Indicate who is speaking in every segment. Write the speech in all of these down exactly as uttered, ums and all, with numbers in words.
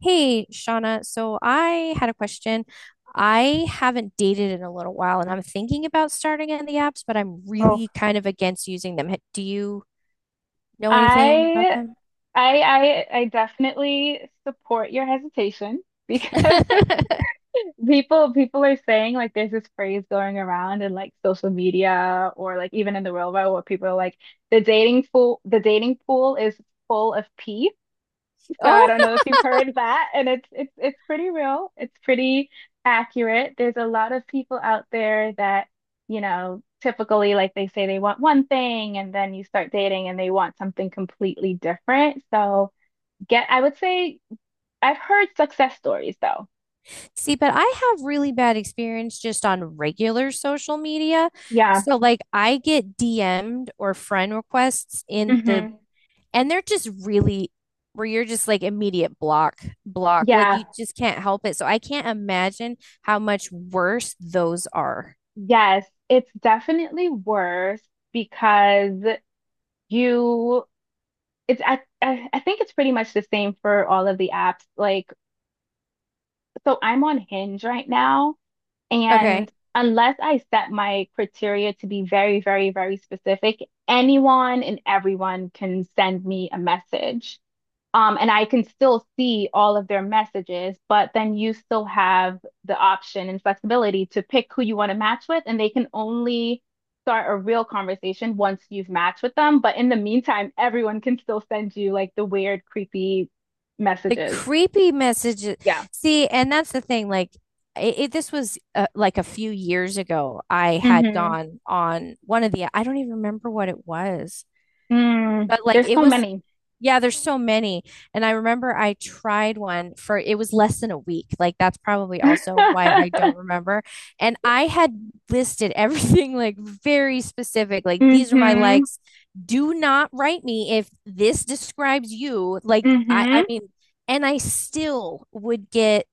Speaker 1: Hey, Shauna. So I had a question. I haven't dated in a little while and I'm thinking about starting it in the apps, but I'm
Speaker 2: Oh,
Speaker 1: really kind of against using them. Ha- Do you know anything about
Speaker 2: I
Speaker 1: them?
Speaker 2: I I I definitely support your hesitation because people people are saying like there's this phrase going around in like social media or like even in the real world where people are like the dating pool the dating pool is full of pee. So I
Speaker 1: Oh,
Speaker 2: don't know if you've heard that, and it's it's it's pretty real. It's pretty accurate. There's a lot of people out there that, you know, typically like they say they want one thing and then you start dating and they want something completely different. So get, I would say I've heard success stories though.
Speaker 1: see, but I have really bad experience just on regular social media.
Speaker 2: Yeah.
Speaker 1: So, like, I get D M'd or friend requests in the
Speaker 2: hmm
Speaker 1: and they're just really where you're just like immediate block block like
Speaker 2: Yeah.
Speaker 1: you just can't help it, so I can't imagine how much worse those are.
Speaker 2: Yes. It's definitely worse because you it's I, I I think it's pretty much the same for all of the apps. Like so I'm on Hinge right now, and
Speaker 1: Okay,
Speaker 2: unless I set my criteria to be very, very, very specific, anyone and everyone can send me a message. Um, and I can still see all of their messages, but then you still have the option and flexibility to pick who you want to match with, and they can only start a real conversation once you've matched with them. But in the meantime, everyone can still send you like the weird, creepy
Speaker 1: the
Speaker 2: messages.
Speaker 1: creepy messages.
Speaker 2: Yeah.
Speaker 1: See, and that's the thing, like it, it- this was uh, like a few years ago. I had
Speaker 2: hmm
Speaker 1: gone on one of the, I don't even remember what it was,
Speaker 2: Mm,
Speaker 1: but like
Speaker 2: there's
Speaker 1: it
Speaker 2: so
Speaker 1: was,
Speaker 2: many.
Speaker 1: yeah, there's so many. And I remember I tried one for, it was less than a week. Like, that's probably also why I don't remember. And I had listed everything like very specific. Like, these are my
Speaker 2: Mm-hmm.
Speaker 1: likes. Do not write me if this describes you. Like I I
Speaker 2: Mm-hmm.
Speaker 1: mean, and I still would get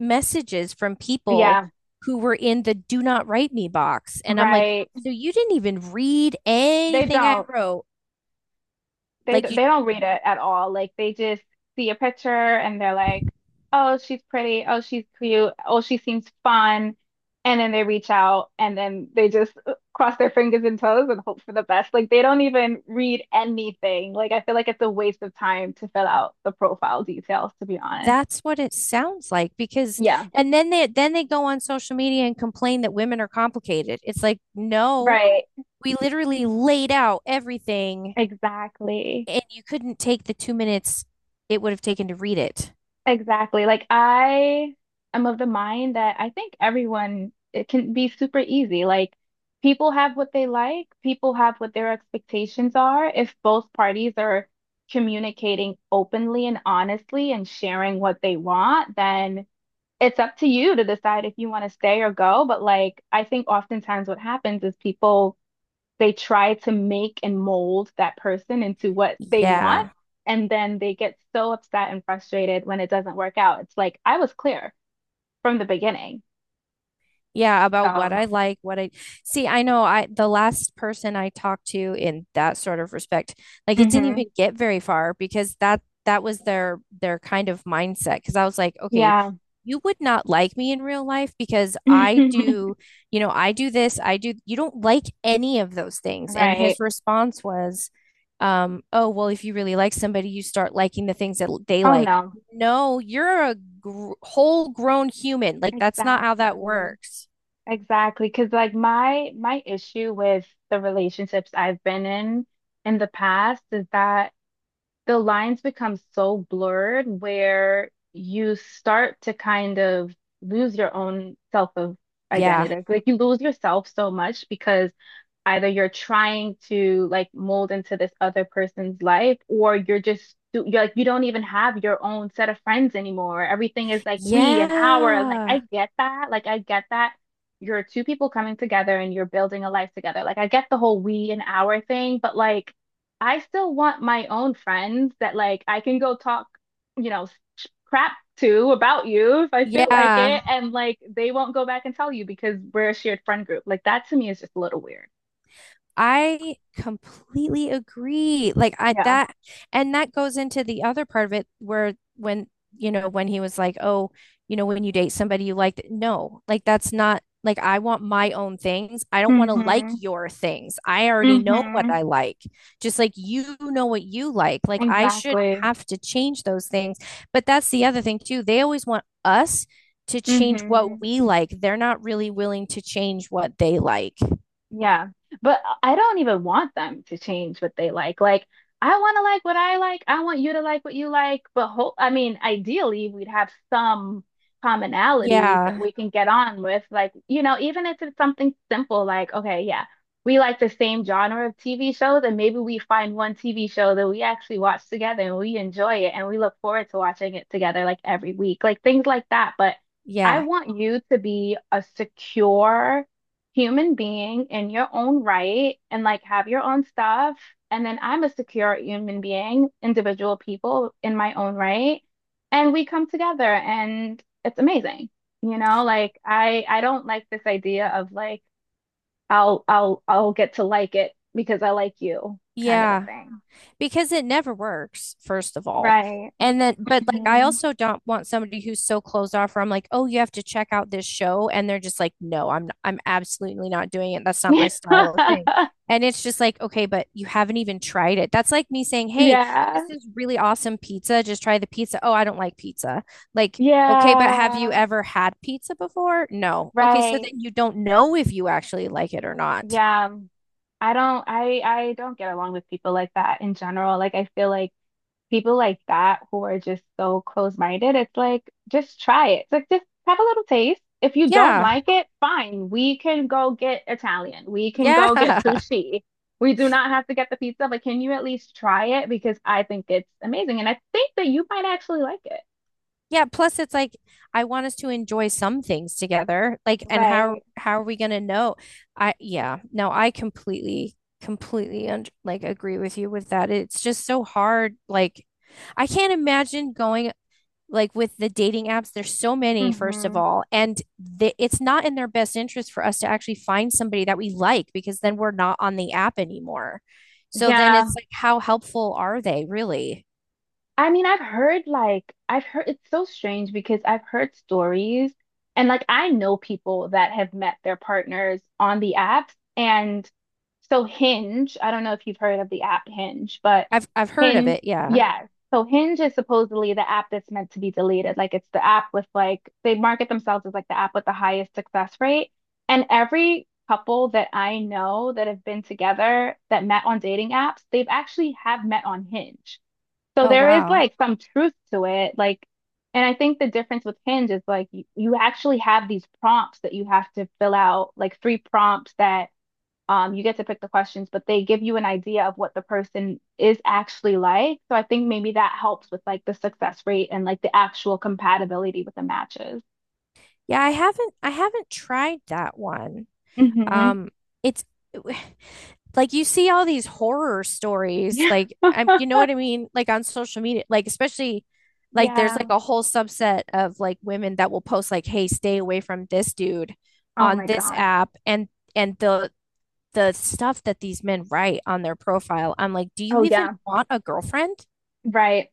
Speaker 1: messages from people
Speaker 2: Yeah,
Speaker 1: who were in the do not write me box. And I'm like,
Speaker 2: right.
Speaker 1: so you didn't even read
Speaker 2: They
Speaker 1: anything I
Speaker 2: don't.
Speaker 1: wrote.
Speaker 2: They d-
Speaker 1: Like you.
Speaker 2: they don't read it at all. Like they just see a picture and they're like, "Oh, she's pretty. Oh, she's cute. Oh, she seems fun." And then they reach out and then they just uh, cross their fingers and toes and hope for the best. Like they don't even read anything. Like I feel like it's a waste of time to fill out the profile details, to be honest.
Speaker 1: That's what it sounds like, because
Speaker 2: Yeah,
Speaker 1: and then they then they go on social media and complain that women are complicated. It's like, no,
Speaker 2: right.
Speaker 1: we literally laid out everything
Speaker 2: Exactly.
Speaker 1: and you couldn't take the two minutes it would have taken to read it.
Speaker 2: Exactly. Like I am of the mind that I think everyone it can be super easy. Like people have what they like, people have what their expectations are. If both parties are communicating openly and honestly and sharing what they want, then it's up to you to decide if you want to stay or go. But like I think oftentimes what happens is people they try to make and mold that person into what they want.
Speaker 1: Yeah.
Speaker 2: And then they get so upset and frustrated when it doesn't work out. It's like, I was clear from the beginning.
Speaker 1: Yeah, about what
Speaker 2: So,
Speaker 1: I like, what I see. I know I, the last person I talked to in that sort of respect, like it didn't even
Speaker 2: mhm.
Speaker 1: get very far because that, that was their their kind of mindset. Because I was like, okay,
Speaker 2: Yeah.
Speaker 1: you would not like me in real life because I do, you know, I do this, I do. You don't like any of those things. And
Speaker 2: Right.
Speaker 1: his response was, um, oh, well, if you really like somebody, you start liking the things that l- they
Speaker 2: Oh,
Speaker 1: like.
Speaker 2: no.
Speaker 1: No, you're a gr whole grown human. Like, that's not how that
Speaker 2: Exactly.
Speaker 1: works.
Speaker 2: Exactly. Because like my my issue with the relationships I've been in in the past is that the lines become so blurred where you start to kind of lose your own self of
Speaker 1: Yeah.
Speaker 2: identity. Like you lose yourself so much because either you're trying to like mold into this other person's life or you're just you're like you don't even have your own set of friends anymore. Everything is like we and our and like I
Speaker 1: Yeah.
Speaker 2: get that. Like I get that you're two people coming together and you're building a life together. Like I get the whole we and our thing, but like I still want my own friends that like I can go talk, you know, sh- crap to about you if I feel like
Speaker 1: Yeah.
Speaker 2: it and like they won't go back and tell you because we're a shared friend group. Like that to me is just a little weird.
Speaker 1: I completely agree. Like I,
Speaker 2: Yeah.
Speaker 1: that, and that goes into the other part of it where when, you know, when he was like, "Oh, you know, when you date somebody you like," no, like, that's not, like, I want my own things. I don't want to like
Speaker 2: Mm-hmm.
Speaker 1: your things. I already know what
Speaker 2: Mm-hmm.
Speaker 1: I like. Just like you know what you like. Like, I should
Speaker 2: Exactly.
Speaker 1: have to change those things. But that's the other thing too. They always want us to change
Speaker 2: Mm-hmm.
Speaker 1: what we like. They're not really willing to change what they like.
Speaker 2: Yeah, but I don't even want them to change what they like. Like, I want to like what I like. I want you to like what you like. But ho I mean, ideally, we'd have some commonalities that
Speaker 1: Yeah.
Speaker 2: we can get on with. Like, you know, even if it's something simple, like, okay, yeah, we like the same genre of T V shows, and maybe we find one T V show that we actually watch together and we enjoy it and we look forward to watching it together like every week, like things like that. But I
Speaker 1: Yeah.
Speaker 2: want you to be a secure human being in your own right and like have your own stuff. And then I'm a secure human being, individual people in my own right. And we come together and it's amazing. You know, like I I don't like this idea of like I'll I'll I'll get to like it because I like you kind of a
Speaker 1: Yeah,
Speaker 2: thing.
Speaker 1: because it never works, first of all.
Speaker 2: Right.
Speaker 1: And then, but like, I
Speaker 2: Mhm.
Speaker 1: also don't want somebody who's so closed off where I'm like, oh, you have to check out this show. And they're just like, no, I'm, I'm absolutely not doing it. That's not my style of thing. And it's just like, okay, but you haven't even tried it. That's like me saying, hey,
Speaker 2: Yeah.
Speaker 1: this is really awesome pizza. Just try the pizza. Oh, I don't like pizza. Like, okay, but have you
Speaker 2: Yeah.
Speaker 1: ever had pizza before? No. Okay, so
Speaker 2: Right.
Speaker 1: then you don't know if you actually like it or not.
Speaker 2: Yeah. I don't I I don't get along with people like that in general. Like I feel like people like that who are just so close-minded, it's like just try it. It's like just have a little taste. If you don't
Speaker 1: Yeah.
Speaker 2: like it, fine. We can go get Italian. We can go get
Speaker 1: Yeah.
Speaker 2: sushi. We do not have to get the pizza, but can you at least try it? Because I think it's amazing. And I think that you might actually like it.
Speaker 1: Yeah, plus it's like I want us to enjoy some things together. Like, and how
Speaker 2: Right.
Speaker 1: how are we gonna know? I, yeah, no, I completely completely un like agree with you with that. It's just so hard. Like, I can't imagine going like with the dating apps. There's so many, first of
Speaker 2: Mm-hmm.
Speaker 1: all, and the, it's not in their best interest for us to actually find somebody that we like because then we're not on the app anymore. So then
Speaker 2: Yeah.
Speaker 1: it's like, how helpful are they really?
Speaker 2: I mean, I've heard like I've heard it's so strange because I've heard stories and like I know people that have met their partners on the apps and so Hinge, I don't know if you've heard of the app Hinge, but
Speaker 1: I've I've heard of
Speaker 2: Hinge,
Speaker 1: it. Yeah.
Speaker 2: yeah. So Hinge is supposedly the app that's meant to be deleted. Like it's the app with like they market themselves as like the app with the highest success rate. And every couple that I know that have been together that met on dating apps, they've actually have met on Hinge. So
Speaker 1: Oh,
Speaker 2: there is
Speaker 1: wow.
Speaker 2: like some truth to it. Like, and I think the difference with Hinge is like you, you actually have these prompts that you have to fill out, like three prompts that um you get to pick the questions, but they give you an idea of what the person is actually like. So I think maybe that helps with like the success rate and like the actual compatibility with the matches.
Speaker 1: Yeah, I haven't I haven't tried that one.
Speaker 2: hmm
Speaker 1: Um, it's like you see all these horror stories,
Speaker 2: Yeah.
Speaker 1: like I'm, you know what I mean? Like on social media, like especially like there's
Speaker 2: Yeah.
Speaker 1: like a whole subset of like women that will post like, "Hey, stay away from this dude
Speaker 2: Oh
Speaker 1: on
Speaker 2: my
Speaker 1: this
Speaker 2: gosh.
Speaker 1: app," and and the the stuff that these men write on their profile. I'm like, "Do you
Speaker 2: Oh
Speaker 1: even
Speaker 2: yeah.
Speaker 1: want a girlfriend?"
Speaker 2: Right.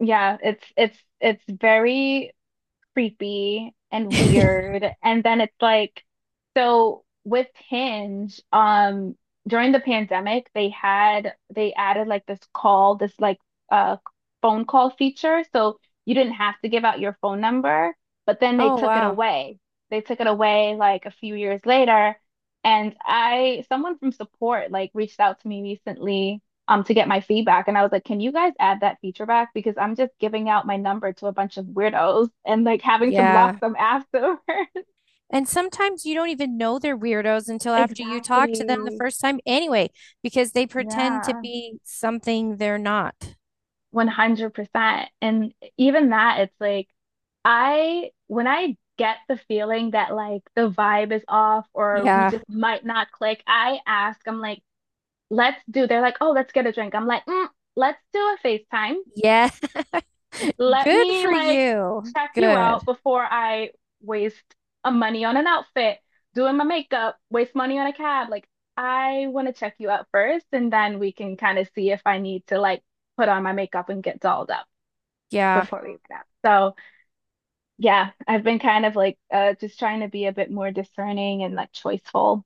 Speaker 2: Yeah. It's it's it's very creepy and weird. And then it's like, so with Hinge, um, during the pandemic, they had they added like this call, this like uh phone call feature. So you didn't have to give out your phone number, but then they
Speaker 1: Oh,
Speaker 2: took it
Speaker 1: wow.
Speaker 2: away. They took it away like a few years later. And I, someone from support like reached out to me recently um to get my feedback and I was like, "Can you guys add that feature back because I'm just giving out my number to a bunch of weirdos and like having to block
Speaker 1: Yeah.
Speaker 2: them afterwards."
Speaker 1: And sometimes you don't even know they're weirdos until after you talk to them the
Speaker 2: Exactly.
Speaker 1: first time anyway, because they pretend to
Speaker 2: Yeah,
Speaker 1: be something they're not.
Speaker 2: one hundred percent. And even that it's like I when I get the feeling that like the vibe is off or we
Speaker 1: Yeah.
Speaker 2: just might not click, I ask, I'm like, "Let's do." They're like, "Oh, let's get a drink." I'm like, mm, "Let's do a FaceTime."
Speaker 1: Yeah.
Speaker 2: Let
Speaker 1: Good
Speaker 2: me
Speaker 1: for
Speaker 2: like
Speaker 1: you.
Speaker 2: check you out
Speaker 1: Good.
Speaker 2: before I waste a money on an outfit, doing my makeup, waste money on a cab. Like I want to check you out first, and then we can kind of see if I need to like put on my makeup and get dolled up
Speaker 1: Yeah.
Speaker 2: before we get out. So yeah, I've been kind of like uh, just trying to be a bit more discerning and like choiceful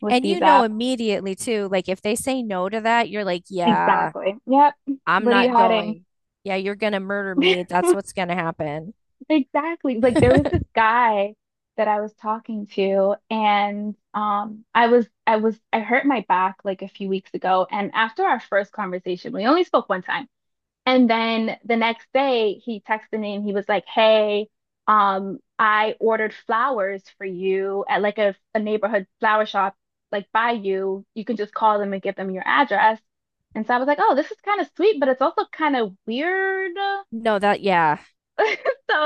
Speaker 2: with
Speaker 1: And
Speaker 2: these
Speaker 1: you know
Speaker 2: apps.
Speaker 1: immediately too, like if they say no to that, you're like, yeah,
Speaker 2: Exactly. Yep.
Speaker 1: I'm
Speaker 2: What are you
Speaker 1: not
Speaker 2: hiding?
Speaker 1: going. Yeah, you're gonna murder me. That's what's gonna happen.
Speaker 2: Exactly. Like there was this guy that I was talking to and um I was I was I hurt my back like a few weeks ago and after our first conversation we only spoke one time and then the next day he texted me and he was like, "Hey, um I ordered flowers for you at like a, a neighborhood flower shop like by you. You can just call them and give them your address." And so I was like, "Oh, this is kind of sweet, but it's also kind of weird."
Speaker 1: No, that, yeah.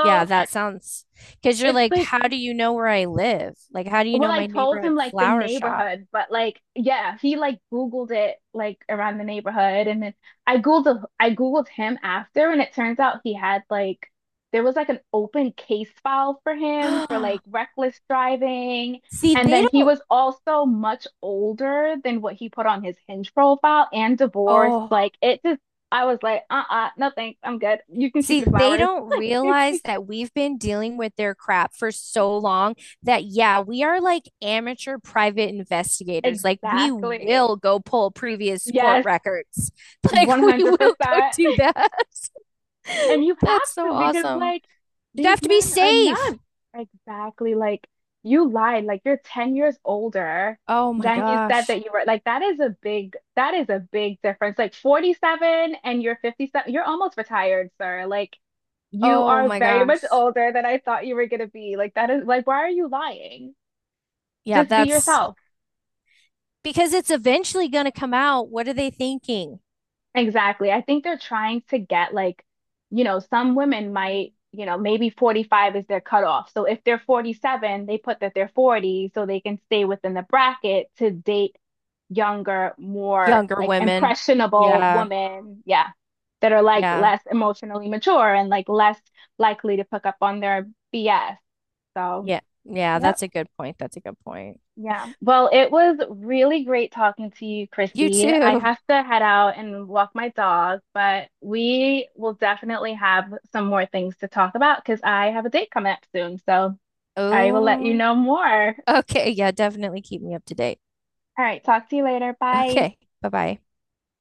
Speaker 1: Yeah, that sounds, because you're
Speaker 2: it's
Speaker 1: like,
Speaker 2: like
Speaker 1: how do you know where I live? Like, how do you
Speaker 2: well,
Speaker 1: know
Speaker 2: I
Speaker 1: my
Speaker 2: told him
Speaker 1: neighborhood
Speaker 2: like the
Speaker 1: flower shop?
Speaker 2: neighborhood, but like yeah, he like Googled it like around the neighborhood and then I Googled I Googled him after and it turns out he had like there was like an open case file for him for like reckless driving
Speaker 1: See,
Speaker 2: and
Speaker 1: they
Speaker 2: then he
Speaker 1: don't,
Speaker 2: was also much older than what he put on his Hinge profile and divorced.
Speaker 1: oh,
Speaker 2: Like it just I was like, uh-uh, no thanks, I'm good. You can keep
Speaker 1: see,
Speaker 2: your
Speaker 1: they
Speaker 2: flowers.
Speaker 1: don't realize that we've been dealing with their crap for so long that, yeah, we are like amateur private investigators. Like, we
Speaker 2: Exactly.
Speaker 1: will go pull previous court
Speaker 2: Yes,
Speaker 1: records. Like, we will go
Speaker 2: one hundred percent.
Speaker 1: do that.
Speaker 2: And you have
Speaker 1: That's so
Speaker 2: to because
Speaker 1: awesome.
Speaker 2: like
Speaker 1: You
Speaker 2: these
Speaker 1: have to be
Speaker 2: men are
Speaker 1: safe.
Speaker 2: nuts. Exactly. Like you lied. Like you're ten years older
Speaker 1: Oh my
Speaker 2: than you said
Speaker 1: gosh.
Speaker 2: that you were. Like that is a big that is a big difference. Like forty-seven and you're fifty-seven. You're almost retired, sir. Like you
Speaker 1: Oh
Speaker 2: are
Speaker 1: my
Speaker 2: very much
Speaker 1: gosh.
Speaker 2: older than I thought you were gonna be. Like that is like why are you lying?
Speaker 1: Yeah,
Speaker 2: Just be
Speaker 1: that's
Speaker 2: yourself.
Speaker 1: because it's eventually going to come out. What are they thinking?
Speaker 2: Exactly. I think they're trying to get like, you know, some women might, you know, maybe forty-five is their cutoff. So if they're forty-seven, they put that they're forty so they can stay within the bracket to date younger, more
Speaker 1: Younger
Speaker 2: like
Speaker 1: women.
Speaker 2: impressionable
Speaker 1: Yeah.
Speaker 2: women. Yeah. That are like
Speaker 1: Yeah.
Speaker 2: less emotionally mature and like less likely to pick up on their B S. So,
Speaker 1: Yeah. Yeah,
Speaker 2: yep.
Speaker 1: that's a good point. That's a good point.
Speaker 2: Yeah. Well, it was really great talking to you,
Speaker 1: You
Speaker 2: Chrissy. I
Speaker 1: too.
Speaker 2: have to head out and walk my dog, but we will definitely have some more things to talk about because I have a date coming up soon. So I will let you
Speaker 1: Oh,
Speaker 2: know more. All
Speaker 1: okay. Yeah, definitely keep me up to date.
Speaker 2: right. Talk to you later. Bye.
Speaker 1: Okay. Bye-bye.